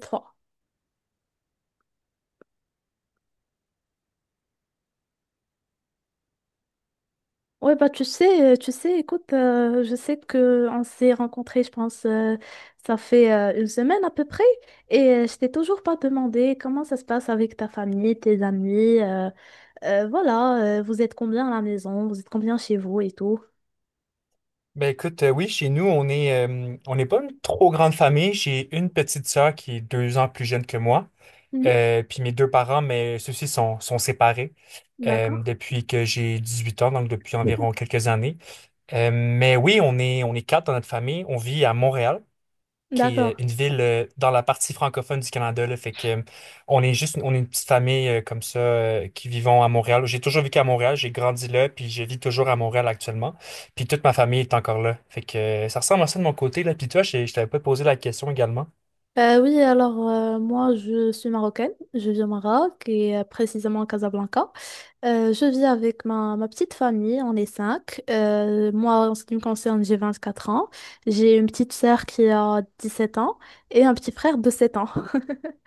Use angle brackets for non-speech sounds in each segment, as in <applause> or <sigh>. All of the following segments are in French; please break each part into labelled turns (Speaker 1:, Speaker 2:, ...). Speaker 1: Trois. Ouais, bah tu sais, écoute, je sais que on s'est rencontrés, je pense, ça fait une semaine à peu près, et je t'ai toujours pas demandé comment ça se passe avec ta famille, tes amis, voilà, vous êtes combien à la maison, vous êtes combien chez vous et tout.
Speaker 2: Ben écoute, oui, chez nous, on n'est pas une trop grande famille. J'ai une petite sœur qui est 2 ans plus jeune que moi.
Speaker 1: Mhm.
Speaker 2: Puis mes deux parents, mais ceux-ci sont séparés
Speaker 1: D'accord.
Speaker 2: depuis que j'ai 18 ans, donc depuis environ quelques années. Mais oui, on est quatre dans notre famille. On vit à Montréal qui est
Speaker 1: D'accord.
Speaker 2: une ville dans la partie francophone du Canada, là. Fait que on est une petite famille comme ça qui vivons à Montréal. J'ai toujours vécu à Montréal, j'ai grandi là, puis je vis toujours à Montréal actuellement. Puis toute ma famille est encore là. Fait que ça ressemble à ça de mon côté, là. Puis toi, je t'avais pas posé la question également.
Speaker 1: Oui, alors moi je suis marocaine, je vis au Maroc et précisément à Casablanca. Je vis avec ma petite famille, on est cinq. Moi en ce qui me concerne, j'ai 24 ans, j'ai une petite sœur qui a 17 ans et un petit frère de 7 ans. <laughs>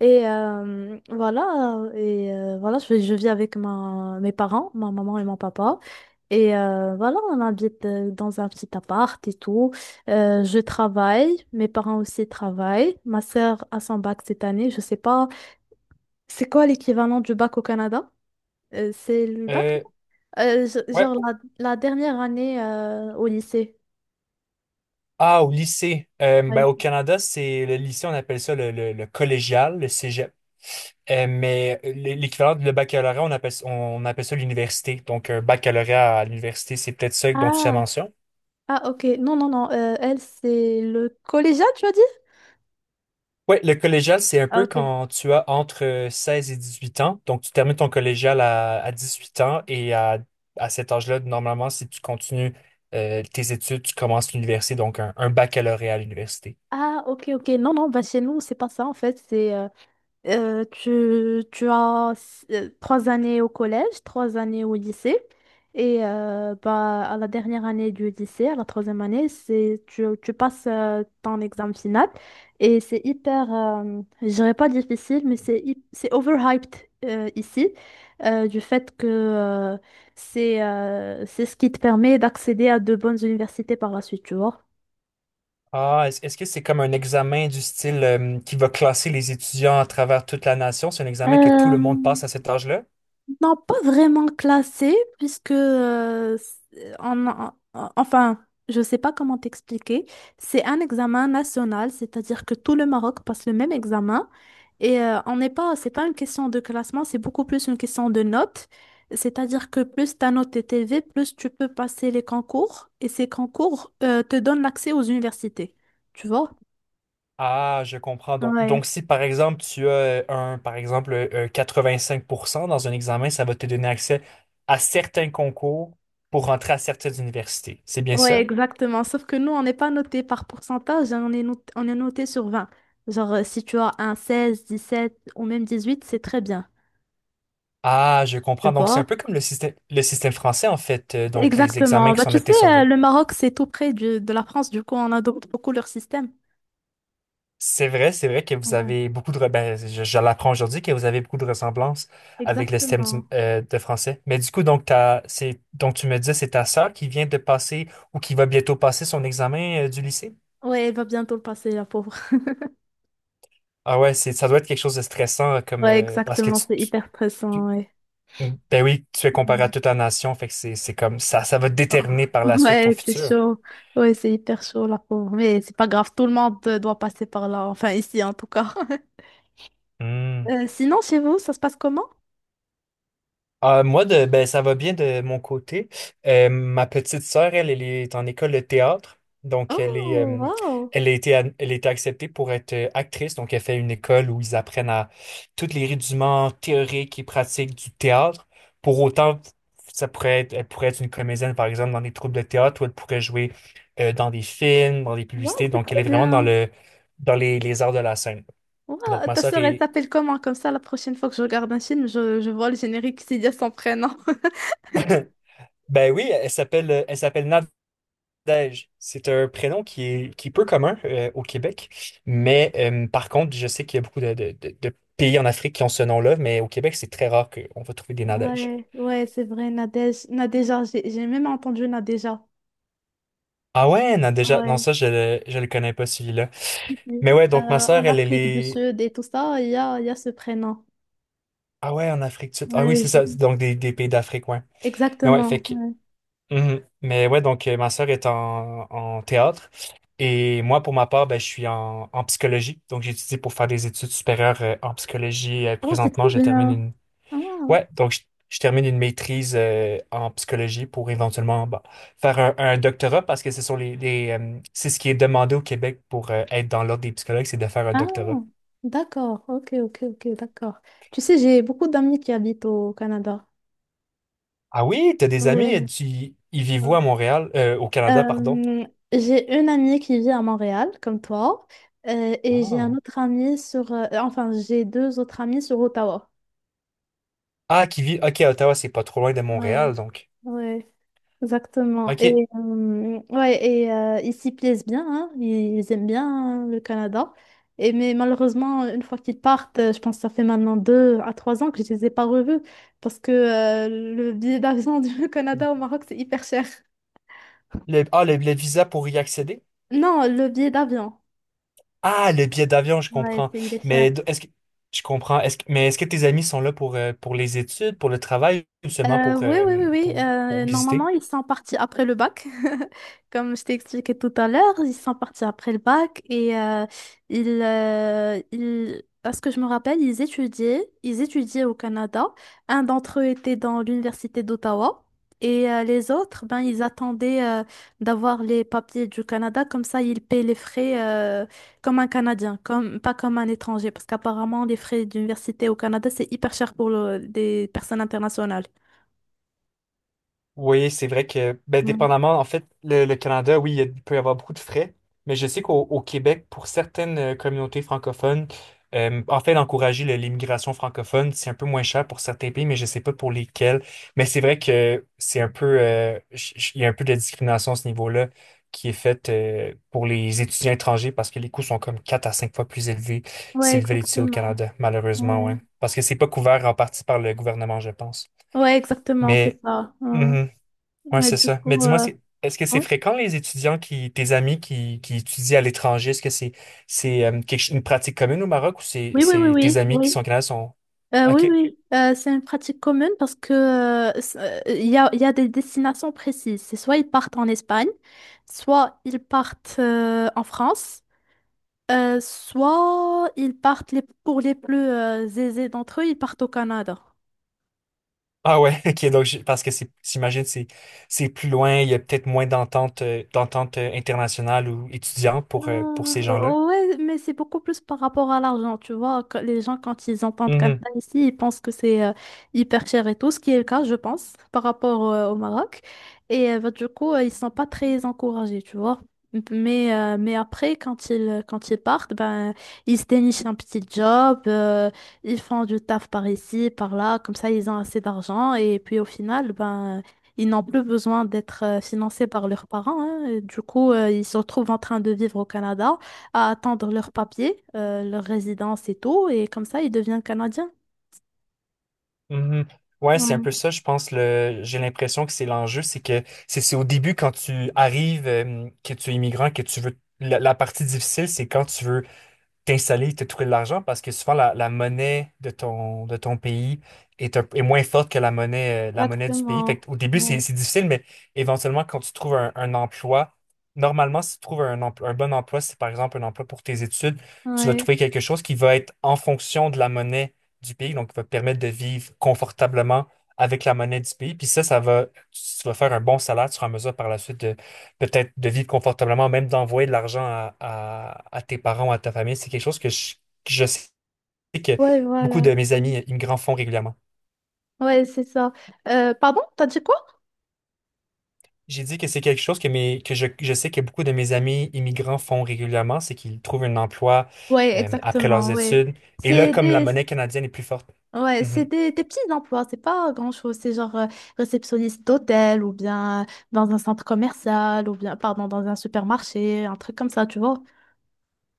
Speaker 1: Et voilà, je vis avec mes parents, ma maman et mon papa. Et voilà, on habite dans un petit appart et tout. Je travaille, mes parents aussi travaillent. Ma sœur a son bac cette année. Je sais pas, c'est quoi l'équivalent du bac au Canada? C'est le bac? Non.
Speaker 2: Euh, ouais.
Speaker 1: Genre la dernière année au lycée.
Speaker 2: Ah, au lycée. Ben,
Speaker 1: Ouais.
Speaker 2: au Canada, c'est le lycée, on appelle ça le collégial, le cégep. Mais l'équivalent de le baccalauréat, on appelle ça l'université. Donc, un baccalauréat à l'université, c'est peut-être ça dont tu as
Speaker 1: Ah,
Speaker 2: mention.
Speaker 1: ah, ok. Non, non, non. Elle, c'est le collégial, tu as dit?
Speaker 2: Oui, le collégial, c'est un
Speaker 1: Ah,
Speaker 2: peu
Speaker 1: ok.
Speaker 2: quand tu as entre 16 et 8 ans. Donc, tu termines ton collégial à 18 ans et à cet âge-là, normalement, si tu continues tes études, tu commences l'université, donc un baccalauréat à l'université.
Speaker 1: Ah, ok, ok. Non, non, bah chez nous, c'est pas ça en fait. C'est tu as 3 années au collège, 3 années au lycée. Et bah, à la dernière année du lycée, à la troisième année, c'est tu passes ton examen final. Et c'est hyper, je dirais pas difficile, mais c'est overhyped ici, du fait que c'est ce qui te permet d'accéder à de bonnes universités par la suite, tu vois.
Speaker 2: Ah, est-ce que c'est comme un examen du style qui va classer les étudiants à travers toute la nation? C'est un examen que tout le monde
Speaker 1: Euh,
Speaker 2: passe à cet âge-là?
Speaker 1: Non, pas vraiment classé, puisque enfin, je sais pas comment t'expliquer. C'est un examen national, c'est-à-dire que tout le Maroc passe le même examen. Et on n'est pas, c'est pas une question de classement, c'est beaucoup plus une question de notes. C'est-à-dire que plus ta note est élevée, plus tu peux passer les concours. Et ces concours te donnent l'accès aux universités. Tu vois?
Speaker 2: Ah, je comprends. Donc,
Speaker 1: Ouais.
Speaker 2: donc, si par exemple tu as par exemple, 85% dans un examen, ça va te donner accès à certains concours pour rentrer à certaines universités. C'est bien
Speaker 1: Ouais,
Speaker 2: ça?
Speaker 1: exactement. Sauf que nous, on n'est pas noté par pourcentage, hein. On est noté sur 20. Genre, si tu as un 16 17 ou même 18, c'est très bien.
Speaker 2: Ah, je
Speaker 1: Tu
Speaker 2: comprends. Donc, c'est un
Speaker 1: vois?
Speaker 2: peu comme le système français, en fait. euh,
Speaker 1: Ok.
Speaker 2: donc, les examens
Speaker 1: Exactement.
Speaker 2: qui
Speaker 1: Bah,
Speaker 2: sont
Speaker 1: tu sais,
Speaker 2: notés sur 20.
Speaker 1: le Maroc, c'est tout près de la France, du coup, on adopte beaucoup leur système.
Speaker 2: C'est vrai que vous
Speaker 1: Ouais,
Speaker 2: avez beaucoup de ben, je l'apprends aujourd'hui que vous avez beaucoup de ressemblances avec le système
Speaker 1: exactement.
Speaker 2: de français. Mais du coup, donc, tu me disais, c'est ta sœur qui vient de passer ou qui va bientôt passer son examen du lycée?
Speaker 1: Ouais, il va bientôt le passer, la pauvre.
Speaker 2: Ah ouais, ça doit être quelque chose de stressant comme
Speaker 1: Ouais,
Speaker 2: parce que
Speaker 1: exactement, c'est hyper stressant,
Speaker 2: tu-
Speaker 1: ouais.
Speaker 2: ben oui, tu es comparé à
Speaker 1: Mm.
Speaker 2: toute la nation, fait que c'est comme ça va
Speaker 1: Oh.
Speaker 2: déterminer par la suite ton
Speaker 1: Ouais, c'est
Speaker 2: futur.
Speaker 1: chaud. Ouais, c'est hyper chaud, la pauvre. Mais c'est pas grave, tout le monde doit passer par là. Enfin, ici, en tout cas. <laughs>
Speaker 2: Hmm.
Speaker 1: Sinon, chez vous, ça se passe comment?
Speaker 2: Ah, moi, ben, ça va bien de mon côté. Ma petite sœur, elle est en école de théâtre. Donc,
Speaker 1: Oh, waouh!
Speaker 2: elle a été acceptée pour être actrice. Donc, elle fait une école où ils apprennent à tous les rudiments théoriques et pratiques du théâtre. Pour autant, elle pourrait être une comédienne, par exemple, dans des troupes de théâtre, ou elle pourrait jouer dans des films, dans des
Speaker 1: Waouh,
Speaker 2: publicités.
Speaker 1: c'est
Speaker 2: Donc, elle
Speaker 1: trop
Speaker 2: est vraiment
Speaker 1: bien!
Speaker 2: dans les arts de la scène. Donc,
Speaker 1: Waouh, ta sœur, elle s'appelle comment? Comme ça, la prochaine fois que je regarde un film, je vois le générique, c'est dire son prénom. <laughs>
Speaker 2: ben oui, elle s'appelle Nadège, c'est un prénom qui est, peu commun au Québec, mais par contre, je sais qu'il y a beaucoup de pays en Afrique qui ont ce nom-là, mais au Québec, c'est très rare qu'on va trouver des Nadèges.
Speaker 1: Ouais, ouais, c'est vrai, Nadège. Nadéja, j'ai même entendu Nadéja.
Speaker 2: Ah ouais, non, déjà, non,
Speaker 1: Ouais.
Speaker 2: ça, je le connais pas, celui-là. Mais ouais, donc ma sœur,
Speaker 1: En
Speaker 2: elle
Speaker 1: Afrique du
Speaker 2: est.
Speaker 1: Sud et tout ça, il y a ce prénom.
Speaker 2: Ah ouais, en Afrique du Sud. Ah oui,
Speaker 1: Ouais,
Speaker 2: c'est ça, donc des pays d'Afrique, ouais. Mais ouais, fait
Speaker 1: exactement.
Speaker 2: que...
Speaker 1: Ouais.
Speaker 2: Mhm. Mais ouais, donc ma sœur est en théâtre, et moi, pour ma part, ben, je suis en psychologie, donc j'étudie pour faire des études supérieures en psychologie. Euh,
Speaker 1: Oh, c'est
Speaker 2: présentement,
Speaker 1: trop
Speaker 2: j'ai
Speaker 1: bien.
Speaker 2: terminé.
Speaker 1: Ah,
Speaker 2: Ouais, donc je termine une maîtrise en psychologie pour éventuellement bah, faire un doctorat parce que ce sont les, c'est ce qui est demandé au Québec pour être dans l'ordre des psychologues, c'est de faire un
Speaker 1: ah,
Speaker 2: doctorat.
Speaker 1: d'accord. Ok, ok, ok, d'accord. Tu sais, j'ai beaucoup d'amis qui habitent au Canada.
Speaker 2: Ah oui, t'as des amis,
Speaker 1: Ouais.
Speaker 2: ils vivent où à Montréal, au Canada, pardon.
Speaker 1: Euh, j'ai une amie qui vit à Montréal, comme toi, et j'ai un
Speaker 2: Ah,
Speaker 1: autre ami sur... enfin, j'ai deux autres amis sur Ottawa.
Speaker 2: Ah, ok, à Ottawa, c'est pas trop loin de
Speaker 1: Ouais,
Speaker 2: Montréal, donc.
Speaker 1: ouais, exactement.
Speaker 2: Ok.
Speaker 1: Ouais, et ils s'y plaisent bien, hein, ils aiment bien, hein, le Canada. Mais malheureusement, une fois qu'ils partent, je pense que ça fait maintenant 2 à 3 ans que je les ai pas revus parce que le billet d'avion <laughs> du Canada au Maroc, c'est hyper cher.
Speaker 2: Le visa pour y accéder?
Speaker 1: Non, le billet d'avion.
Speaker 2: Ah, le billet d'avion, je
Speaker 1: Ouais,
Speaker 2: comprends.
Speaker 1: il est cher.
Speaker 2: Mais d- est-ce que je comprends. Mais est-ce que tes amis sont là pour les études, pour le travail ou seulement pour,
Speaker 1: Oui,
Speaker 2: euh,
Speaker 1: oui, oui, oui.
Speaker 2: pour, pour visiter?
Speaker 1: Normalement, ils sont partis après le bac. <laughs> Comme je t'ai expliqué tout à l'heure, ils sont partis après le bac et à ce que je me rappelle, ils étudiaient au Canada. Un d'entre eux était dans l'université d'Ottawa et les autres, ben, ils attendaient d'avoir les papiers du Canada. Comme ça, ils paient les frais comme un Canadien, comme, pas comme un étranger, parce qu'apparemment, les frais d'université au Canada, c'est hyper cher pour des personnes internationales.
Speaker 2: Oui, c'est vrai que, ben,
Speaker 1: Ouais.
Speaker 2: dépendamment, en fait, le Canada, oui, il peut y avoir beaucoup de frais, mais je sais qu'au au Québec, pour certaines communautés francophones, en fait, d'encourager l'immigration francophone, c'est un peu moins cher pour certains pays, mais je sais pas pour lesquels. Mais c'est vrai que c'est un peu, ch- ch- il y a un peu de discrimination à ce niveau-là qui est faite pour les étudiants étrangers parce que les coûts sont comme 4 à 5 fois plus élevés
Speaker 1: Ouais,
Speaker 2: s'ils veulent étudier au
Speaker 1: exactement.
Speaker 2: Canada, malheureusement, ouais.
Speaker 1: Ouais.
Speaker 2: Parce que c'est pas couvert en partie par le gouvernement, je pense.
Speaker 1: Ouais, exactement, c'est
Speaker 2: Mais.
Speaker 1: ça. Ouais.
Speaker 2: Mm-hmm. Ouais,
Speaker 1: Ouais,
Speaker 2: c'est
Speaker 1: du
Speaker 2: ça. Mais
Speaker 1: coup,
Speaker 2: dis-moi, est-ce que c'est
Speaker 1: ouais.
Speaker 2: fréquent les étudiants tes amis qui étudient à l'étranger? Est-ce que c'est une pratique commune au Maroc ou c'est
Speaker 1: Oui, oui, oui,
Speaker 2: c'est tes
Speaker 1: oui,
Speaker 2: amis qui
Speaker 1: oui.
Speaker 2: sont au Canada sont
Speaker 1: Oui,
Speaker 2: OK.
Speaker 1: oui. C'est une pratique commune parce que il y a des destinations précises. C'est soit ils partent en Espagne, soit ils partent en France, soit ils partent pour les plus aisés d'entre eux, ils partent au Canada.
Speaker 2: Ah ouais, <laughs> OK, donc parce que c'est j'imagine c'est plus loin, il y a peut-être moins d'entente internationale ou étudiante pour ces gens-là.
Speaker 1: Ouais, mais c'est beaucoup plus par rapport à l'argent, tu vois, que les gens, quand ils entendent comme
Speaker 2: Mhm,
Speaker 1: ça ici, ils pensent que c'est hyper cher et tout, ce qui est le cas, je pense, par rapport au Maroc. Et bah, du coup, ils sont pas très encouragés, tu vois. Mais après, quand ils partent, ben, ils se dénichent un petit job, ils font du taf par ici, par là, comme ça, ils ont assez d'argent. Et puis au final, ben. Ils n'ont plus besoin d'être financés par leurs parents, hein. Du coup, ils se retrouvent en train de vivre au Canada, à attendre leurs papiers, leur résidence et tout. Et comme ça, ils deviennent Canadiens.
Speaker 2: mhm. Ouais, c'est un
Speaker 1: Ouais,
Speaker 2: peu ça, je pense. J'ai l'impression que c'est l'enjeu, c'est que c'est au début quand tu arrives, que tu es immigrant, que tu veux. La partie difficile, c'est quand tu veux t'installer et te trouver de l'argent parce que souvent la monnaie de de ton pays est moins forte que la monnaie du pays. Fait
Speaker 1: exactement.
Speaker 2: au début, c'est
Speaker 1: Ouais.
Speaker 2: c'est difficile, mais éventuellement, quand tu trouves un emploi, normalement, si tu trouves un bon emploi, si c'est par exemple un emploi pour tes études, tu vas
Speaker 1: Ouais.
Speaker 2: trouver quelque chose qui va être en fonction de la monnaie du pays, donc qui va te permettre de vivre confortablement avec la monnaie du pays. Puis ça va, tu vas faire un bon salaire, tu seras en mesure par la suite peut-être de vivre confortablement, même d'envoyer de l'argent à tes parents ou à ta famille, c'est quelque chose que que je sais que
Speaker 1: Ouais,
Speaker 2: beaucoup
Speaker 1: voilà.
Speaker 2: de mes
Speaker 1: Mm.
Speaker 2: amis immigrants font régulièrement.
Speaker 1: Ouais, c'est ça. Pardon, t'as dit quoi?
Speaker 2: J'ai dit que c'est quelque chose que je sais que beaucoup de mes amis immigrants font régulièrement, c'est qu'ils trouvent un emploi
Speaker 1: Ouais,
Speaker 2: après leurs
Speaker 1: exactement, ouais.
Speaker 2: études. Et là,
Speaker 1: C'est
Speaker 2: comme la
Speaker 1: des...
Speaker 2: monnaie canadienne est plus forte.
Speaker 1: Ouais, c'est
Speaker 2: Mm-hmm.
Speaker 1: des petits emplois, c'est pas grand-chose. C'est genre réceptionniste d'hôtel ou bien dans un centre commercial ou bien, pardon, dans un supermarché, un truc comme ça, tu vois.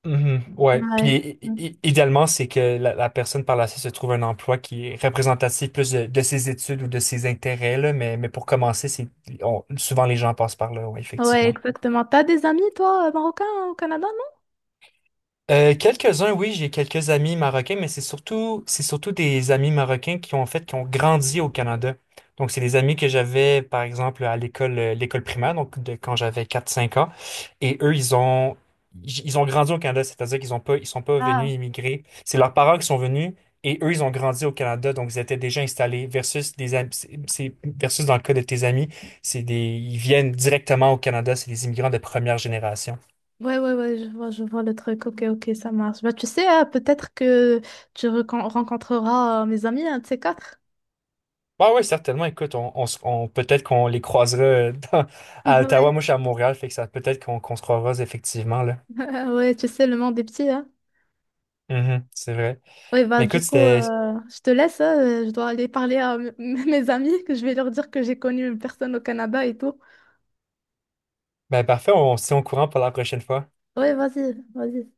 Speaker 2: Mhm, ouais. Puis
Speaker 1: Ouais.
Speaker 2: idéalement, c'est que la personne par la suite se trouve un emploi qui est représentatif plus de ses études ou de ses intérêts, là, mais pour commencer, c'est souvent les gens passent par là, ouais,
Speaker 1: Ouais,
Speaker 2: effectivement.
Speaker 1: exactement. T'as des amis, toi, marocains, hein, au Canada, non?
Speaker 2: Quelques-uns, oui, j'ai quelques amis marocains, mais c'est surtout des amis marocains qui ont grandi au Canada. Donc, c'est des amis que j'avais, par exemple, à l'école, l'école primaire, donc de quand j'avais quatre cinq ans. Et eux, ils ont grandi au Canada, c'est-à-dire qu' ils sont pas
Speaker 1: Ah.
Speaker 2: venus immigrer. C'est leurs parents qui sont venus et eux, ils ont grandi au Canada, donc ils étaient déjà installés. Versus des, am- c'est- versus dans le cas de tes amis, ils viennent directement au Canada, c'est des immigrants de première génération.
Speaker 1: Ouais, ouais, ouais, je vois le truc. Ok, ok, ça marche. Bah, tu sais, peut-être que tu rencontreras mes amis, un de ces quatre.
Speaker 2: Bah ouais, certainement. Écoute, peut-être qu'on les croisera <laughs>
Speaker 1: <laughs>
Speaker 2: à Ottawa.
Speaker 1: Ouais.
Speaker 2: Moi, je suis à Montréal, fait que ça peut-être qu'on se croisera effectivement là.
Speaker 1: <laughs> Ouais, tu sais, le monde est petit, hein.
Speaker 2: Mhm, c'est vrai.
Speaker 1: Ouais, bah,
Speaker 2: Mais
Speaker 1: du
Speaker 2: écoute,
Speaker 1: coup,
Speaker 2: c'était
Speaker 1: je te laisse, hein. Je dois aller parler à <laughs> mes amis, que je vais leur dire que j'ai connu une personne au Canada et tout.
Speaker 2: ben, parfait. On se tient au courant pour la prochaine fois.
Speaker 1: Ouais, vas-y, vas-y.